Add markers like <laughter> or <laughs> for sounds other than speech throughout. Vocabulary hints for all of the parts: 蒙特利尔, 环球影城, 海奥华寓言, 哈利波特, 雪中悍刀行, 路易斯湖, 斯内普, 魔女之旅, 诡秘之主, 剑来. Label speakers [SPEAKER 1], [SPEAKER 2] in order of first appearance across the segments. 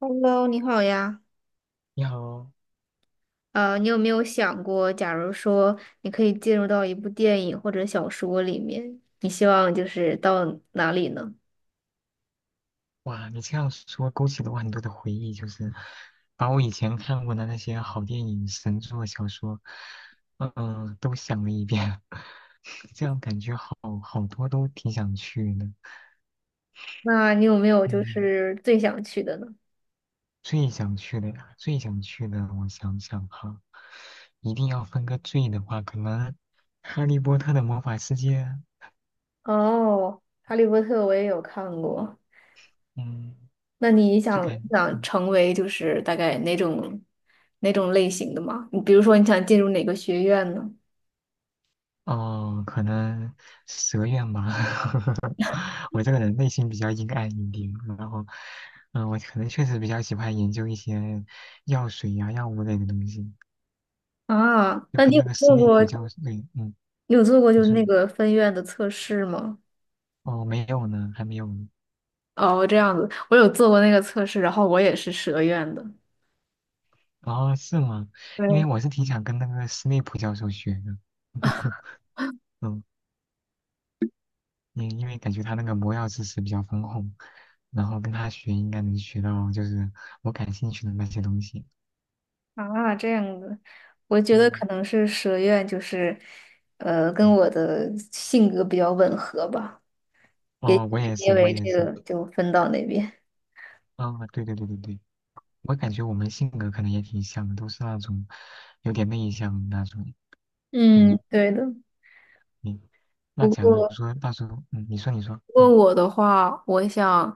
[SPEAKER 1] Hello，你好呀。
[SPEAKER 2] 你好，
[SPEAKER 1] 你有没有想过，假如说你可以进入到一部电影或者小说里面，你希望就是到哪里呢？
[SPEAKER 2] 哇，你这样说勾起了我很多的回忆，就是把我以前看过的那些好电影、神作、小说，都想了一遍，<laughs> 这样感觉好多都挺想去的。
[SPEAKER 1] 那你有没有就
[SPEAKER 2] 嗯，
[SPEAKER 1] 是最想去的呢？
[SPEAKER 2] 最想去的呀，最想去的，我想想哈，一定要分个最的话，可能《哈利波特》的魔法世界，
[SPEAKER 1] 哦，《哈利波特》我也有看过。
[SPEAKER 2] 嗯，
[SPEAKER 1] 那你
[SPEAKER 2] 就
[SPEAKER 1] 想
[SPEAKER 2] 感，
[SPEAKER 1] 想
[SPEAKER 2] 嗯
[SPEAKER 1] 成为就是大概哪种哪种类型的吗？你比如说你想进入哪个学院呢？
[SPEAKER 2] 哦，可能蛇愿吧。<laughs> 我这个人内心比较阴暗一点，然后，我可能确实比较喜欢研究一些药水呀、药物类的东西，
[SPEAKER 1] 啊，
[SPEAKER 2] 就
[SPEAKER 1] 那
[SPEAKER 2] 跟
[SPEAKER 1] 你有
[SPEAKER 2] 那个斯
[SPEAKER 1] 做
[SPEAKER 2] 内
[SPEAKER 1] 过
[SPEAKER 2] 普教授，对，
[SPEAKER 1] 你有做过就
[SPEAKER 2] 你
[SPEAKER 1] 是
[SPEAKER 2] 说，
[SPEAKER 1] 那
[SPEAKER 2] 你说
[SPEAKER 1] 个分院的测试吗？
[SPEAKER 2] 哦，没有呢，还没有呢。
[SPEAKER 1] 哦，这样子，我有做过那个测试，然后我也是蛇院的。
[SPEAKER 2] 哦，是吗？因为
[SPEAKER 1] 对
[SPEAKER 2] 我是挺想跟那个斯内普教授学的，<laughs> 嗯，因为感觉他那个魔药知识比较丰富，然后跟他学应该能学到就是我感兴趣的那些东西。
[SPEAKER 1] 啊，这样子，我觉得可
[SPEAKER 2] 嗯。
[SPEAKER 1] 能是蛇院就是，跟
[SPEAKER 2] 嗯
[SPEAKER 1] 我的性格比较吻合吧，也许
[SPEAKER 2] 哦，我
[SPEAKER 1] 就
[SPEAKER 2] 也
[SPEAKER 1] 因
[SPEAKER 2] 是，我
[SPEAKER 1] 为
[SPEAKER 2] 也
[SPEAKER 1] 这
[SPEAKER 2] 是。
[SPEAKER 1] 个就分到那边。
[SPEAKER 2] 啊、对对对对对，我感觉我们性格可能也挺像的，都是那种有点内向的那种。
[SPEAKER 1] 嗯，
[SPEAKER 2] 嗯，
[SPEAKER 1] 对的。
[SPEAKER 2] 你那
[SPEAKER 1] 不
[SPEAKER 2] 假如
[SPEAKER 1] 过，
[SPEAKER 2] 说到时候，你说你说，
[SPEAKER 1] 不过我的话，我想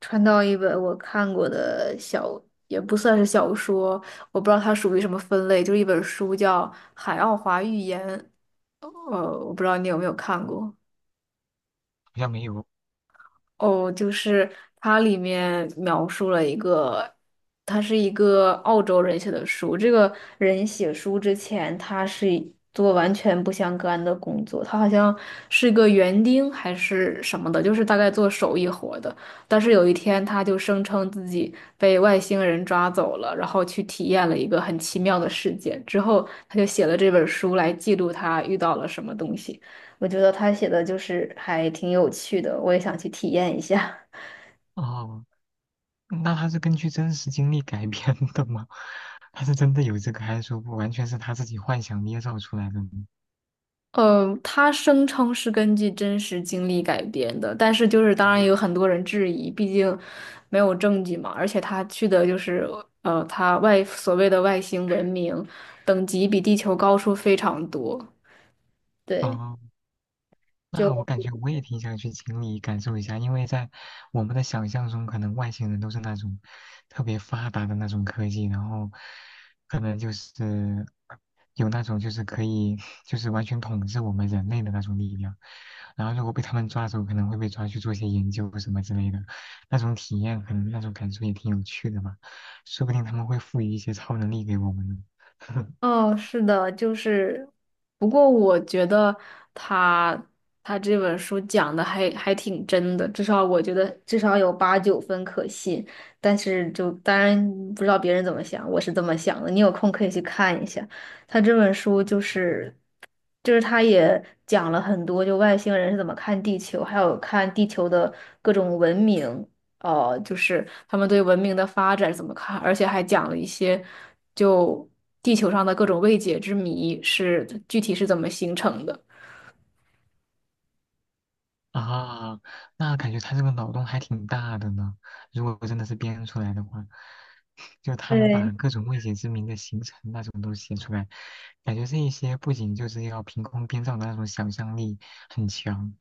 [SPEAKER 1] 穿到一本我看过的小，也不算是小说，我不知道它属于什么分类，就是一本书叫《海奥华寓言》。我不知道你有没有看过。
[SPEAKER 2] 好像没有
[SPEAKER 1] 哦，就是它里面描述了一个，他是一个澳洲人写的书。这个人写书之前，他是做完全不相干的工作，他好像是个园丁还是什么的，就是大概做手艺活的。但是有一天，他就声称自己被外星人抓走了，然后去体验了一个很奇妙的世界。之后，他就写了这本书来记录他遇到了什么东西。我觉得他写的就是还挺有趣的，我也想去体验一下。<laughs>
[SPEAKER 2] 哦。那他是根据真实经历改编的吗？<laughs> 他是真的有这个，还是说完全是他自己幻想捏造出来的呢？
[SPEAKER 1] 他声称是根据真实经历改编的，但是就是当然也有很多人质疑，毕竟没有证据嘛。而且他去的就是他外所谓的外星文明，等级比地球高出非常多。对。
[SPEAKER 2] 哦，那我
[SPEAKER 1] 就。
[SPEAKER 2] 感觉我也挺想去经历感受一下，因为在我们的想象中，可能外星人都是那种特别发达的那种科技，然后可能就是有那种就是可以就是完全统治我们人类的那种力量，然后如果被他们抓走，可能会被抓去做一些研究或什么之类的，那种体验可能那种感受也挺有趣的吧，说不定他们会赋予一些超能力给我们呢。<laughs>
[SPEAKER 1] 哦，是的，就是，不过我觉得他他这本书讲的还挺真的，至少我觉得至少有八九分可信。但是就当然不知道别人怎么想，我是这么想的。你有空可以去看一下，他这本书就是他也讲了很多，就外星人是怎么看地球，还有看地球的各种文明。就是他们对文明的发展怎么看，而且还讲了一些就地球上的各种未解之谜是具体是怎么形成的。
[SPEAKER 2] 啊，那感觉他这个脑洞还挺大的呢。如果真的是编出来的话，<laughs> 就他能
[SPEAKER 1] 对，
[SPEAKER 2] 把各种未解之谜的形成那种都写出来，感觉这一些不仅就是要凭空编造的那种想象力很强，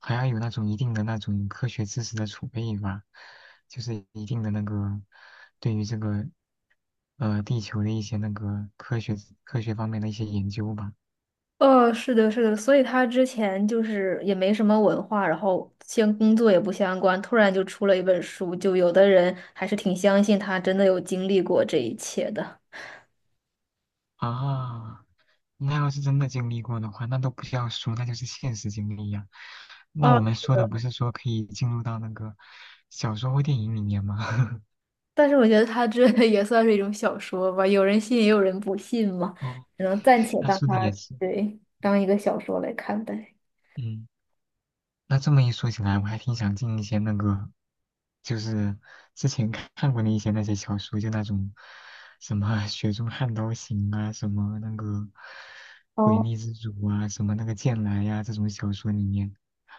[SPEAKER 2] 还要有那种一定的那种科学知识的储备吧，就是一定的那个对于这个地球的一些那个科学方面的一些研究吧。
[SPEAKER 1] 哦，是的，是的，所以他之前就是也没什么文化，然后相，工作也不相关，突然就出了一本书，就有的人还是挺相信他真的有经历过这一切的。
[SPEAKER 2] 啊，那要是真的经历过的话，那都不需要说，那就是现实经历呀、那
[SPEAKER 1] 啊，
[SPEAKER 2] 我们说的不是说可以进入到那个小说或电影里面吗？<laughs>
[SPEAKER 1] 但是我觉得他这 <laughs> 也算是一种小说吧，有人信也有人不信嘛，
[SPEAKER 2] 哦，
[SPEAKER 1] 只能暂且
[SPEAKER 2] 那
[SPEAKER 1] 当
[SPEAKER 2] 说的
[SPEAKER 1] 他
[SPEAKER 2] 也是，
[SPEAKER 1] 对当一个小说来看待。
[SPEAKER 2] 嗯。那这么一说起来，我还挺想进一些那个，就是之前看过的一些那些小说，就那种什么啊《雪中悍刀行》啊，什么那个《诡
[SPEAKER 1] 哦，
[SPEAKER 2] 秘之主》啊，什么那个《剑来》呀，这种小说里面，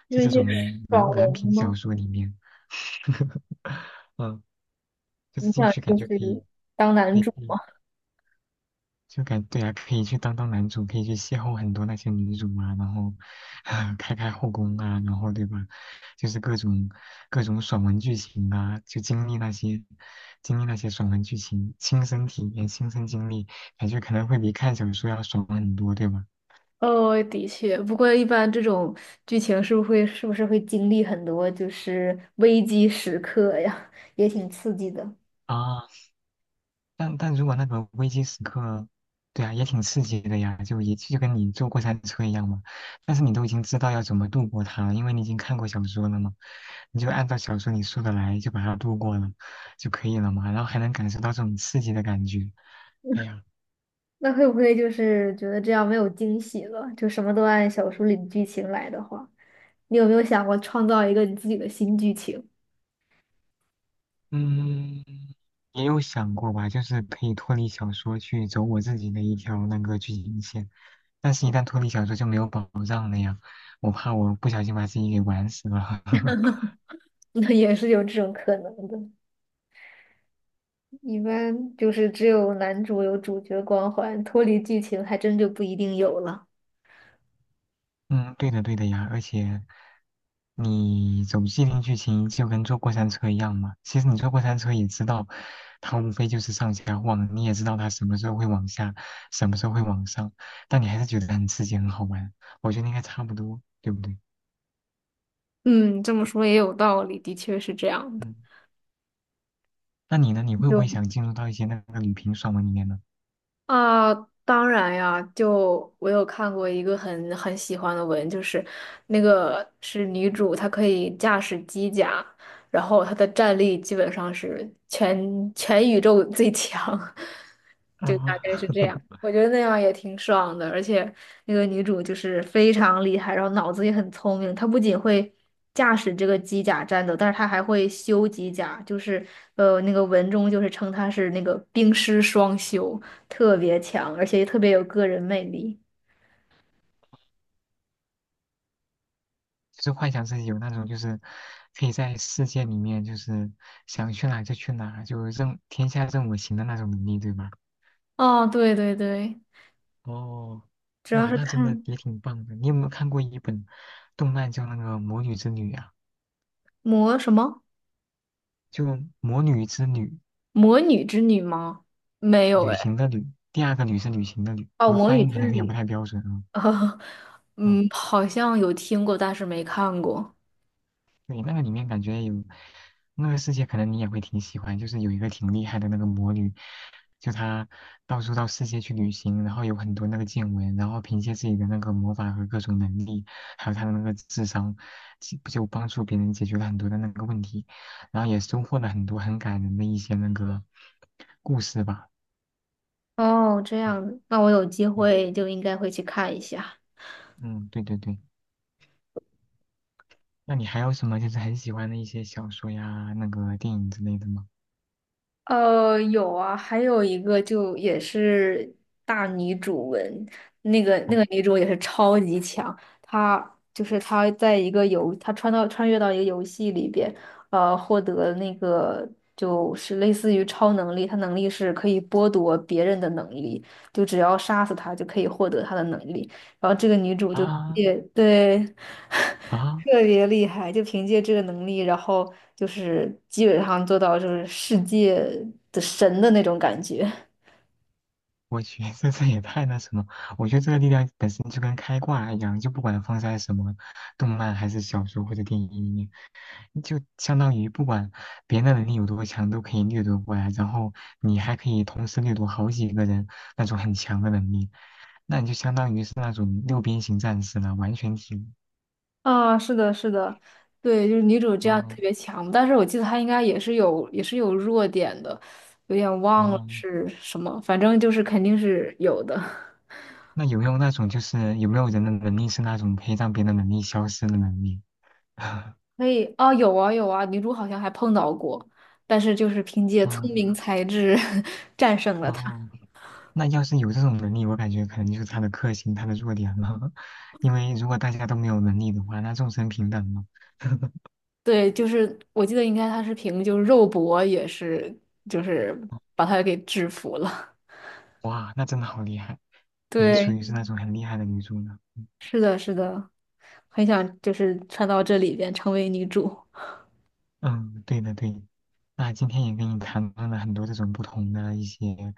[SPEAKER 1] 就
[SPEAKER 2] 就
[SPEAKER 1] 是
[SPEAKER 2] 这
[SPEAKER 1] 一些
[SPEAKER 2] 种男
[SPEAKER 1] 爽
[SPEAKER 2] 男
[SPEAKER 1] 文
[SPEAKER 2] 频小
[SPEAKER 1] 吗？
[SPEAKER 2] 说里面，<laughs> 嗯，就
[SPEAKER 1] 你
[SPEAKER 2] 是进
[SPEAKER 1] 想
[SPEAKER 2] 去感
[SPEAKER 1] 就
[SPEAKER 2] 觉可以，
[SPEAKER 1] 是当男
[SPEAKER 2] 可
[SPEAKER 1] 主吗？
[SPEAKER 2] 以对啊，可以去当男主，可以去邂逅很多那些女主啊，然后啊 <laughs> 开后宫啊，然后对吧？就是各种爽文剧情啊，就经历那些爽文剧情，亲身体验、亲身经历，感觉可能会比看小说要爽很多，对吧？
[SPEAKER 1] 哦，的确，不过一般这种剧情是不是会经历很多就是危机时刻呀，<laughs> 也挺刺激的。
[SPEAKER 2] 啊。但如果那个危机时刻，对啊，也挺刺激的呀，就也就跟你坐过山车一样嘛。但是你都已经知道要怎么度过它了，因为你已经看过小说了嘛，你就按照小说里说的来，就把它度过了就可以了嘛。然后还能感受到这种刺激的感觉。哎呀，
[SPEAKER 1] 那会不会就是觉得这样没有惊喜了？就什么都按小说里的剧情来的话，你有没有想过创造一个你自己的新剧情？
[SPEAKER 2] 嗯，也有想过吧，就是可以脱离小说去走我自己的一条那个剧情线，但是一旦脱离小说就没有保障了呀，我怕我不小心把自己给玩死了。<laughs>
[SPEAKER 1] <laughs> 那也是有这种可能的。一般就是只有男主有主角光环，脱离剧情还真就不一定有了。
[SPEAKER 2] 嗯，对的，对的呀，而且你走既定剧情就跟坐过山车一样嘛。其实你坐过山车也知道，它无非就是上下晃，你也知道它什么时候会往下，什么时候会往上，但你还是觉得很刺激，很好玩。我觉得应该差不多，对不对？
[SPEAKER 1] 嗯，这么说也有道理，的确是这样的。
[SPEAKER 2] 嗯，那你呢？你会不会
[SPEAKER 1] 就。
[SPEAKER 2] 想进入到一些那个旅平爽文里面呢？
[SPEAKER 1] 啊，当然呀，就我有看过一个很喜欢的文，就是那个是女主，她可以驾驶机甲，然后她的战力基本上是全宇宙最强，<laughs> 就大概
[SPEAKER 2] 啊，
[SPEAKER 1] 是这样。
[SPEAKER 2] <laughs>
[SPEAKER 1] 我觉得那样也挺爽的，而且那个女主就是非常厉害，然后脑子也很聪明。她不仅会驾驶这个机甲战斗，但是她还会修机甲，就是那个文中就是称她是那个冰师双修，特别强，而且也特别有个人魅力。
[SPEAKER 2] 就是幻想自己有那种，就是可以在世界里面，就是想去哪就去哪，就任天下任我行的那种能力，对吧？
[SPEAKER 1] 哦，对对对，
[SPEAKER 2] 哦，
[SPEAKER 1] 主要
[SPEAKER 2] 哇，
[SPEAKER 1] 是
[SPEAKER 2] 那真的
[SPEAKER 1] 看
[SPEAKER 2] 也挺棒的。你有没有看过一本动漫叫那个《魔女之旅》啊？
[SPEAKER 1] 魔什么
[SPEAKER 2] 就《魔女之旅》，
[SPEAKER 1] 魔女之女吗？没有
[SPEAKER 2] 旅
[SPEAKER 1] 哎，
[SPEAKER 2] 行的旅，第二个旅是旅行的旅。
[SPEAKER 1] 哦，
[SPEAKER 2] 我
[SPEAKER 1] 魔
[SPEAKER 2] 发
[SPEAKER 1] 女
[SPEAKER 2] 音可
[SPEAKER 1] 之
[SPEAKER 2] 能有点不
[SPEAKER 1] 旅。
[SPEAKER 2] 太标准啊。
[SPEAKER 1] <laughs> 哦
[SPEAKER 2] 嗯
[SPEAKER 1] 嗯，好像有听过，但是没看过。
[SPEAKER 2] 对，那个里面感觉有那个世界，可能你也会挺喜欢，就是有一个挺厉害的那个魔女，就她到处到世界去旅行，然后有很多那个见闻，然后凭借自己的那个魔法和各种能力，还有她的那个智商，其就帮助别人解决了很多的那个问题，然后也收获了很多很感人的一些那个故事吧。
[SPEAKER 1] 哦，这
[SPEAKER 2] 嗯
[SPEAKER 1] 样子，那我有机
[SPEAKER 2] 对，
[SPEAKER 1] 会就应该会去看一下。
[SPEAKER 2] 嗯，对对对。那你还有什么就是很喜欢的一些小说呀，那个电影之类的吗？
[SPEAKER 1] 有啊，还有一个就也是大女主文，那个女主也是超级强，她就是她在一个游，她穿到穿越到一个游戏里边，获得那个就是类似于超能力，她能力是可以剥夺别人的能力，就只要杀死她就可以获得她的能力，然后这个女主就
[SPEAKER 2] 啊
[SPEAKER 1] 也对。<laughs>
[SPEAKER 2] 啊！
[SPEAKER 1] 特别厉害，就凭借这个能力，然后就是基本上做到就是世界的神的那种感觉。
[SPEAKER 2] 我觉得这也太那什么，我觉得这个力量本身就跟开挂一样，就不管放在什么动漫还是小说或者电影里面，就相当于不管别人的能力有多强，都可以掠夺过来，然后你还可以同时掠夺好几个人那种很强的能力，那你就相当于是那种六边形战士了，完全体。
[SPEAKER 1] <laughs> 啊，是的，是的，对，就是女主这样特
[SPEAKER 2] 哦
[SPEAKER 1] 别强，但是我记得她应该也是有弱点的，有点忘了
[SPEAKER 2] 哦，
[SPEAKER 1] 是什么，反正就是肯定是有的。<laughs>
[SPEAKER 2] 那有没有那种就是有没有人的能力是那种可以让别人的能力消失的能力？<laughs>
[SPEAKER 1] 可以啊，有啊，女主好像还碰到过，但是就是凭借聪明
[SPEAKER 2] 嗯
[SPEAKER 1] 才智 <laughs> 战胜了她。
[SPEAKER 2] 哦。那要是有这种能力，我感觉可能就是他的克星，他的弱点了。<laughs> 因为如果大家都没有能力的话，那众生平等了。
[SPEAKER 1] 对，就是我记得应该他是凭就是肉搏也是就是把他给制服了。<laughs>
[SPEAKER 2] 哇，那真的好厉害，也属
[SPEAKER 1] 对，
[SPEAKER 2] 于是那种很厉害的女主呢。
[SPEAKER 1] 是的，是的，很想就是穿到这里边成为女主。<laughs>
[SPEAKER 2] 嗯，对的对的。那今天也跟你谈论了很多这种不同的一些，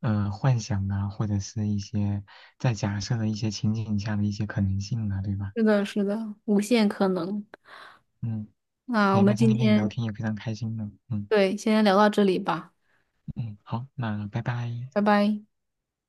[SPEAKER 2] 幻想啊，或者是一些在假设的一些情景下的一些可能性啊，对吧？
[SPEAKER 1] 是的，是的，无限可能。
[SPEAKER 2] 嗯，
[SPEAKER 1] 那我
[SPEAKER 2] 对。那
[SPEAKER 1] 们
[SPEAKER 2] 今
[SPEAKER 1] 今
[SPEAKER 2] 天跟你聊
[SPEAKER 1] 天
[SPEAKER 2] 天也非常开心呢。嗯
[SPEAKER 1] 对，先聊到这里吧，
[SPEAKER 2] 嗯，好，那拜拜。
[SPEAKER 1] 拜拜。